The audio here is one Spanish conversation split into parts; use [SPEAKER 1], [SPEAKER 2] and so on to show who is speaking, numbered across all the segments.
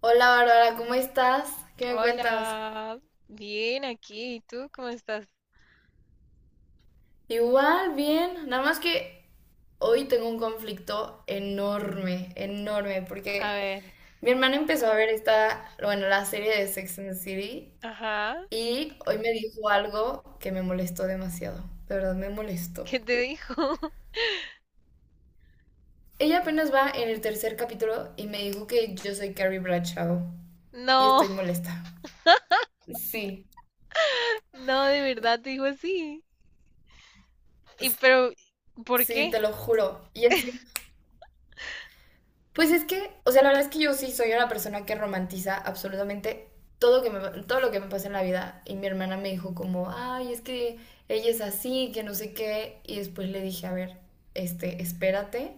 [SPEAKER 1] Hola Bárbara, ¿cómo estás? ¿Qué me cuentas?
[SPEAKER 2] Hola, bien aquí. ¿Y tú cómo estás?
[SPEAKER 1] Igual, bien, nada más que hoy tengo un conflicto enorme, enorme,
[SPEAKER 2] A
[SPEAKER 1] porque
[SPEAKER 2] ver,
[SPEAKER 1] mi hermana empezó a ver esta, bueno, la serie de Sex and the City
[SPEAKER 2] ajá,
[SPEAKER 1] y hoy me dijo algo que me molestó demasiado, de verdad me molestó.
[SPEAKER 2] ¿qué te dijo?
[SPEAKER 1] Ella apenas va en el tercer capítulo y me dijo que yo soy Carrie Bradshaw y
[SPEAKER 2] No,
[SPEAKER 1] estoy molesta. Sí,
[SPEAKER 2] no, de verdad te dijo así. ¿Y pero por
[SPEAKER 1] sí,
[SPEAKER 2] qué?
[SPEAKER 1] te lo juro. Y encima... Pues es que, o sea, la verdad es que yo sí soy una persona que romantiza absolutamente todo, todo lo que me pasa en la vida. Y mi hermana me dijo como, ay, es que ella es así, que no sé qué. Y después le dije, a ver, este, espérate.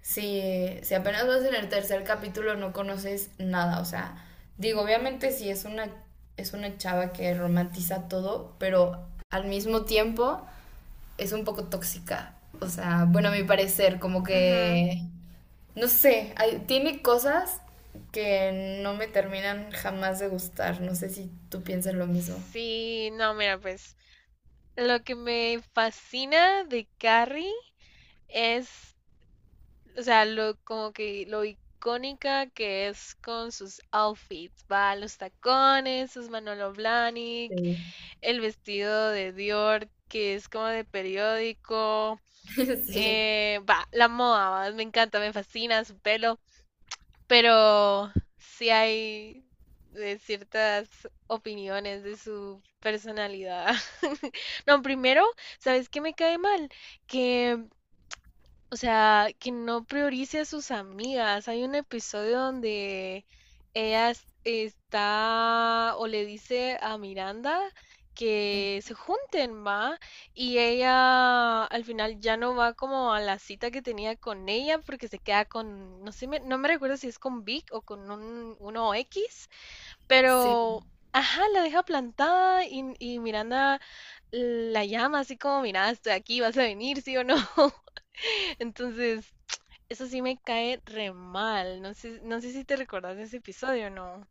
[SPEAKER 1] Si, si apenas vas en el tercer capítulo no conoces nada. O sea, digo, obviamente sí es una chava que romantiza todo, pero al mismo tiempo es un poco tóxica. O sea, bueno, a mi parecer, como
[SPEAKER 2] Ujú.
[SPEAKER 1] que... No sé, tiene cosas que no me terminan jamás de gustar. No sé si tú piensas lo mismo.
[SPEAKER 2] Sí, no, mira, pues lo que me fascina de Carrie es, o sea, lo como que lo icónica que es con sus outfits, va, los tacones, sus Manolo Blahnik,
[SPEAKER 1] Sí.
[SPEAKER 2] el vestido de Dior, que es como de periódico.
[SPEAKER 1] Sí.
[SPEAKER 2] Va, la moda, va, me encanta, me fascina su pelo, pero sí hay de ciertas opiniones de su personalidad. No, primero, ¿sabes qué me cae mal? Que O sea, que no priorice a sus amigas. Hay un episodio donde ella es- está o le dice a Miranda
[SPEAKER 1] Ujú.
[SPEAKER 2] que se junten, va, y ella al final ya no va como a la cita que tenía con ella porque se queda con, no sé, no me recuerdo si es con Vic o con uno X,
[SPEAKER 1] Sí.
[SPEAKER 2] pero, ajá, la deja plantada y Miranda la llama así como, mira, estoy aquí, vas a venir, sí o no. Entonces, eso sí me cae re mal. No sé, si te recordás de ese episodio o no.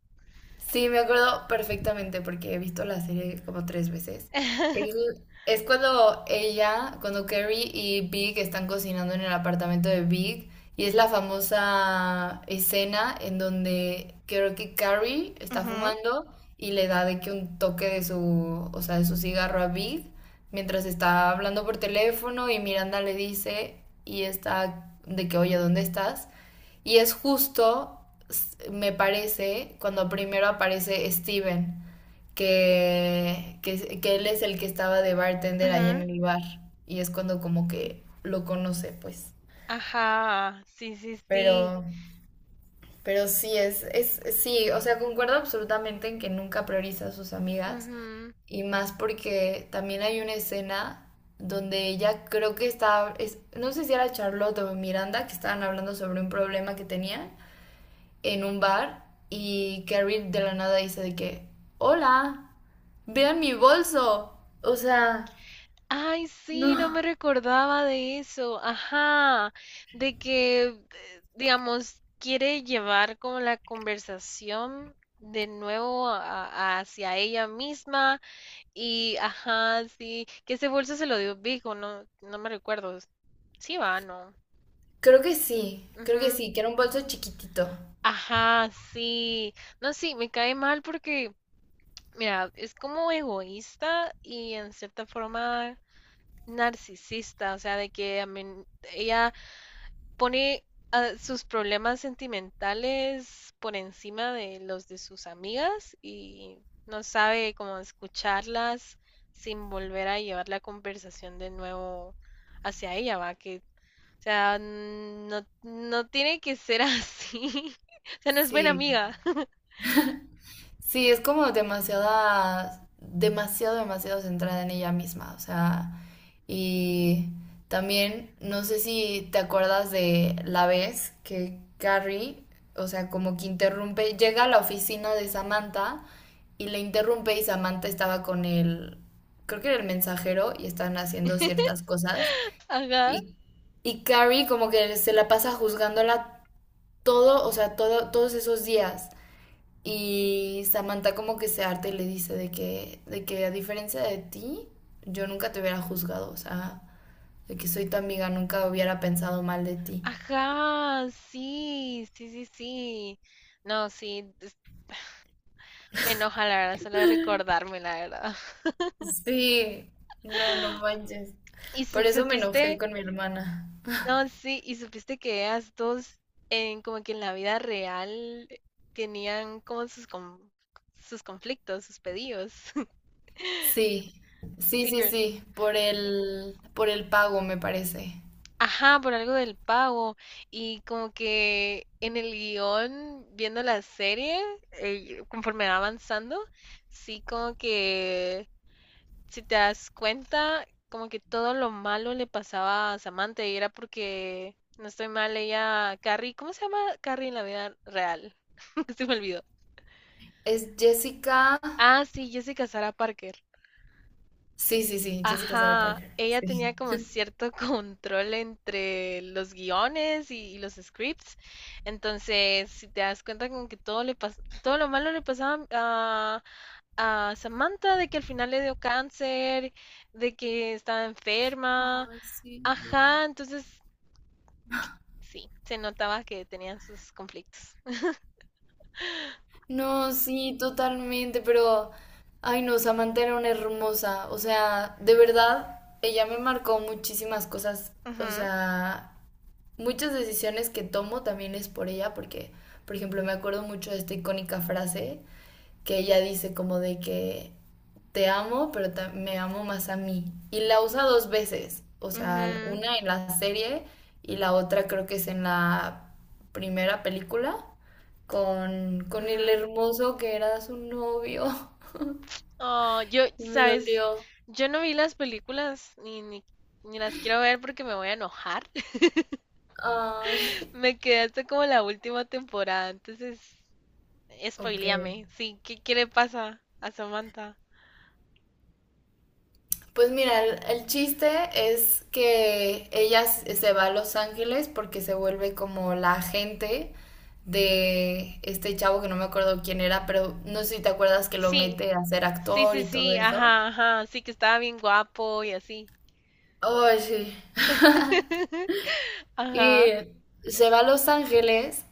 [SPEAKER 1] Sí, me acuerdo perfectamente porque he visto la serie como tres veces. El- es cuando ella, cuando Carrie y Big están cocinando en el apartamento de Big y es la famosa escena en donde creo que Carrie está
[SPEAKER 2] Ujú,
[SPEAKER 1] fumando y le da de que un toque de su, o sea, de su cigarro a Big mientras está hablando por teléfono y Miranda le dice y está de que, oye, ¿dónde estás? Y es justo, me parece, cuando primero aparece Steven, que él es el que estaba de bartender ahí en
[SPEAKER 2] ujú.
[SPEAKER 1] el bar. Y es cuando como que lo conoce, pues.
[SPEAKER 2] Ajá, sí, sí, sí.
[SPEAKER 1] Pero, pero sí, sí, o sea, concuerdo absolutamente en que nunca prioriza a sus amigas.
[SPEAKER 2] Ujú.
[SPEAKER 1] Y más porque también hay una escena donde ella creo que estaba, no sé si era Charlotte o Miranda, que estaban hablando sobre un problema que tenían en un bar y Carrie de la nada dice de que, hola, vean mi bolso. O sea,
[SPEAKER 2] Ay,
[SPEAKER 1] no,
[SPEAKER 2] sí, no me recordaba de eso. Ajá, de que, digamos, quiere llevar como la conversación de nuevo hacia ella misma. Y, ajá, sí, que ese bolso se lo dio Vigo, no, no me recuerdo. Sí, va, no.
[SPEAKER 1] creo que
[SPEAKER 2] Ujú.
[SPEAKER 1] sí, que era un bolso chiquitito.
[SPEAKER 2] Ajá, sí. No, sí, me cae mal porque, mira, es como egoísta y en cierta forma narcisista, o sea, de que ella pone, sus problemas sentimentales por encima de los de sus amigas y no sabe cómo escucharlas sin volver a llevar la conversación de nuevo hacia ella, va, que, o sea, no, no tiene que ser así. O sea, no es buena
[SPEAKER 1] Sí.
[SPEAKER 2] amiga.
[SPEAKER 1] Sí, es como demasiada, demasiado, demasiado centrada en ella misma, o sea, y también no sé si te acuerdas de la vez que Carrie, o sea, como que interrumpe, llega a la oficina de Samantha y le interrumpe y Samantha estaba con el, creo que era el mensajero y están haciendo ciertas cosas
[SPEAKER 2] Ajá.
[SPEAKER 1] y, y Carrie como que se la pasa juzgándola todo, o sea, todo, todos esos días. Y Samantha como que se harta y le dice de que a diferencia de ti, yo nunca te hubiera juzgado, o sea, de que soy tu amiga, nunca hubiera pensado mal de ti.
[SPEAKER 2] Ajá, sí, sí, sí, sí. No, sí, me enoja la verdad, solo de recordarme la verdad.
[SPEAKER 1] Sí, no, no manches.
[SPEAKER 2] ¿Y
[SPEAKER 1] Por eso me enojé
[SPEAKER 2] supiste?
[SPEAKER 1] con mi hermana.
[SPEAKER 2] No, sí, y supiste que ellas dos, en, como que en la vida real, tenían como sus conflictos, sus pedidos.
[SPEAKER 1] Sí, sí,
[SPEAKER 2] Sí,
[SPEAKER 1] sí,
[SPEAKER 2] ¿verdad?
[SPEAKER 1] sí, por por el pago me parece.
[SPEAKER 2] Ajá, por algo del pago. Y como que en el guión, viendo la serie, conforme va avanzando, sí, como que si te das cuenta, como que todo lo malo le pasaba a Samantha y era porque, no estoy mal, ella, Carrie, ¿cómo se llama Carrie en la vida real? Se me olvidó.
[SPEAKER 1] Es Jessica.
[SPEAKER 2] Ah, sí, Jessica Sarah Parker.
[SPEAKER 1] Sí, sí, sí, Jessica Sarah
[SPEAKER 2] Ajá,
[SPEAKER 1] Parker.
[SPEAKER 2] ella
[SPEAKER 1] Sí.
[SPEAKER 2] tenía como cierto control entre los guiones y los scripts. Entonces, si te das cuenta como que todo lo malo le pasaba a, Samantha, de que al final le dio cáncer, de que estaba enferma.
[SPEAKER 1] Ay, sí.
[SPEAKER 2] Ajá, entonces sí, se notaba que tenían sus conflictos.
[SPEAKER 1] No, sí, totalmente, pero, ay no, Samantha era una hermosa, o sea, de verdad, ella me marcó muchísimas cosas, o
[SPEAKER 2] Ujú,
[SPEAKER 1] sea, muchas decisiones que tomo también es por ella, porque, por ejemplo, me acuerdo mucho de esta icónica frase que ella dice como de que te amo, pero me amo más a mí, y la usa dos veces, o sea,
[SPEAKER 2] ujú,
[SPEAKER 1] una en la serie y la otra creo que es en la primera película con el
[SPEAKER 2] ujú.
[SPEAKER 1] hermoso que era su novio.
[SPEAKER 2] Oh,
[SPEAKER 1] Y me
[SPEAKER 2] sabes,
[SPEAKER 1] dolió.
[SPEAKER 2] yo no vi las películas ni las quiero ver porque me voy a enojar.
[SPEAKER 1] Ay,
[SPEAKER 2] Me quedé hasta como la última temporada, entonces
[SPEAKER 1] ok.
[SPEAKER 2] spoileame. Sí, ¿qué, qué le pasa a Samantha?
[SPEAKER 1] Pues mira, el chiste es que ella se va a Los Ángeles porque se vuelve como la agente de este chavo que no me acuerdo quién era, pero no sé si te acuerdas que lo
[SPEAKER 2] Sí,
[SPEAKER 1] mete a ser
[SPEAKER 2] sí,
[SPEAKER 1] actor y
[SPEAKER 2] sí,
[SPEAKER 1] todo
[SPEAKER 2] sí,
[SPEAKER 1] eso.
[SPEAKER 2] ajá, ajá, sí que estaba bien guapo y así.
[SPEAKER 1] Ay, sí. Y
[SPEAKER 2] Ajá,
[SPEAKER 1] se va a Los Ángeles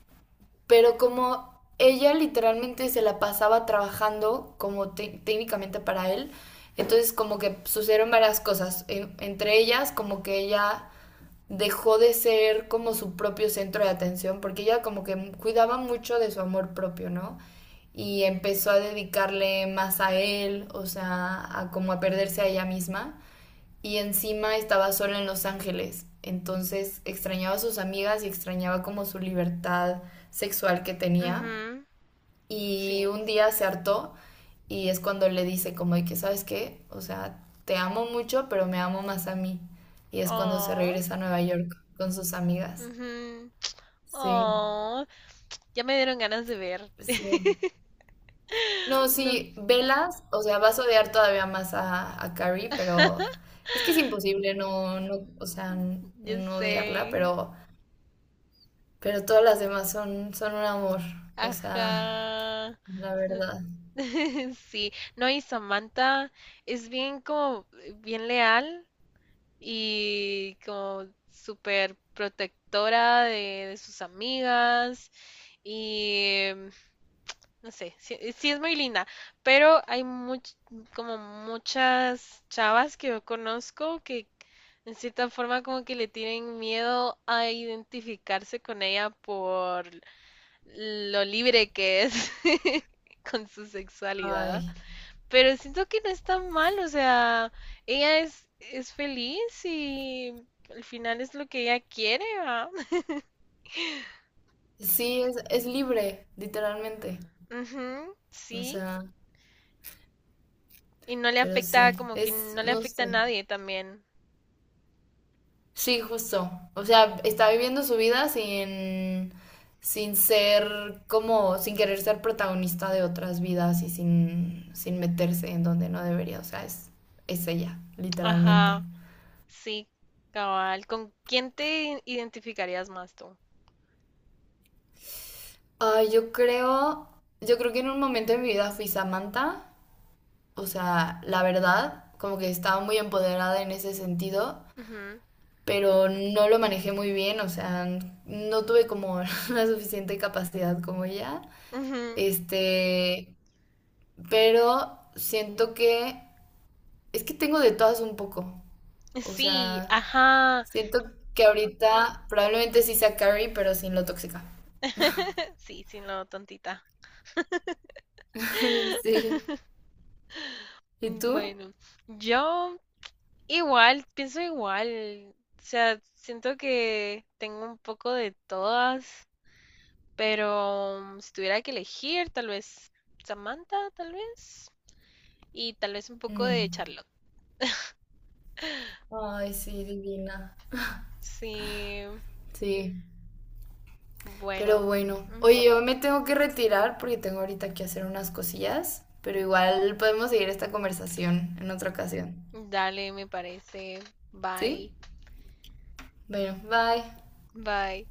[SPEAKER 1] pero como ella literalmente se la pasaba trabajando como técnicamente para él, entonces como que sucedieron varias cosas. Entre ellas como que ella dejó de ser como su propio centro de atención, porque ella como que cuidaba mucho de su amor propio, ¿no? Y empezó a dedicarle más a él, o sea, a como a perderse a ella misma y encima estaba sola en Los Ángeles. Entonces extrañaba a sus amigas y extrañaba como su libertad sexual que tenía.
[SPEAKER 2] mhm,
[SPEAKER 1] Y
[SPEAKER 2] sí.
[SPEAKER 1] un día se hartó y es cuando le dice como de que, ¿sabes qué? O sea, te amo mucho, pero me amo más a mí. Y es cuando se
[SPEAKER 2] Oh.
[SPEAKER 1] regresa a Nueva York con sus amigas.
[SPEAKER 2] Ujú.
[SPEAKER 1] Sí,
[SPEAKER 2] Oh, ya me dieron ganas de ver.
[SPEAKER 1] sí. No,
[SPEAKER 2] No,
[SPEAKER 1] sí, velas, o sea, vas a odiar todavía más a Carrie, pero es que es imposible o sea,
[SPEAKER 2] yo
[SPEAKER 1] no odiarla,
[SPEAKER 2] sé.
[SPEAKER 1] pero todas las demás son, son un amor, o sea,
[SPEAKER 2] Ajá.
[SPEAKER 1] la
[SPEAKER 2] No.
[SPEAKER 1] verdad.
[SPEAKER 2] Sí, no, y Samantha es bien leal y como súper protectora de sus amigas y no sé, sí, sí es muy linda, pero hay como muchas chavas que yo conozco que en cierta forma, como que le tienen miedo a identificarse con ella por lo libre que es con su sexualidad.
[SPEAKER 1] Ay,
[SPEAKER 2] Pero siento que no es tan mal, o sea, ella es feliz y al final es lo que ella quiere, ¿va?
[SPEAKER 1] sí, es libre, literalmente.
[SPEAKER 2] Ujú,
[SPEAKER 1] O
[SPEAKER 2] sí.
[SPEAKER 1] sea,
[SPEAKER 2] Y no le
[SPEAKER 1] pero
[SPEAKER 2] afecta,
[SPEAKER 1] sí,
[SPEAKER 2] como que
[SPEAKER 1] es,
[SPEAKER 2] no le
[SPEAKER 1] no
[SPEAKER 2] afecta a
[SPEAKER 1] sé.
[SPEAKER 2] nadie también.
[SPEAKER 1] Sí, justo. O sea, está viviendo su vida sin, sin ser como, sin querer ser protagonista de otras vidas y sin, sin meterse en donde no debería. O sea, es ella, literalmente.
[SPEAKER 2] Ajá, sí, cabal. ¿Con quién te identificarías más tú?
[SPEAKER 1] Ay, yo creo que en un momento de mi vida fui Samantha. O sea, la verdad, como que estaba muy empoderada en ese sentido,
[SPEAKER 2] Ujú,
[SPEAKER 1] pero no lo manejé muy bien, o sea, no tuve como la suficiente capacidad como ella.
[SPEAKER 2] ujú.
[SPEAKER 1] Este, pero siento que es que tengo de todas un poco. O
[SPEAKER 2] Sí,
[SPEAKER 1] sea,
[SPEAKER 2] ajá.
[SPEAKER 1] siento que ahorita probablemente sí sea Carrie, pero sin lo tóxica.
[SPEAKER 2] Sí, sí, no, tontita.
[SPEAKER 1] Sí. ¿Y tú?
[SPEAKER 2] Bueno, yo igual, pienso igual. O sea, siento que tengo un poco de todas, pero mm, si tuviera que elegir, tal vez Samantha, tal vez. Y tal vez un poco
[SPEAKER 1] Mm.
[SPEAKER 2] de Charlotte.
[SPEAKER 1] Ay, sí, divina.
[SPEAKER 2] Sí,
[SPEAKER 1] Sí. Pero
[SPEAKER 2] bueno.
[SPEAKER 1] bueno,
[SPEAKER 2] Ujú.
[SPEAKER 1] oye, yo me tengo que retirar porque tengo ahorita que hacer unas cosillas, pero igual podemos seguir esta conversación en otra ocasión,
[SPEAKER 2] Dale, me parece.
[SPEAKER 1] ¿sí?
[SPEAKER 2] Bye.
[SPEAKER 1] Bueno, bye.
[SPEAKER 2] Bye.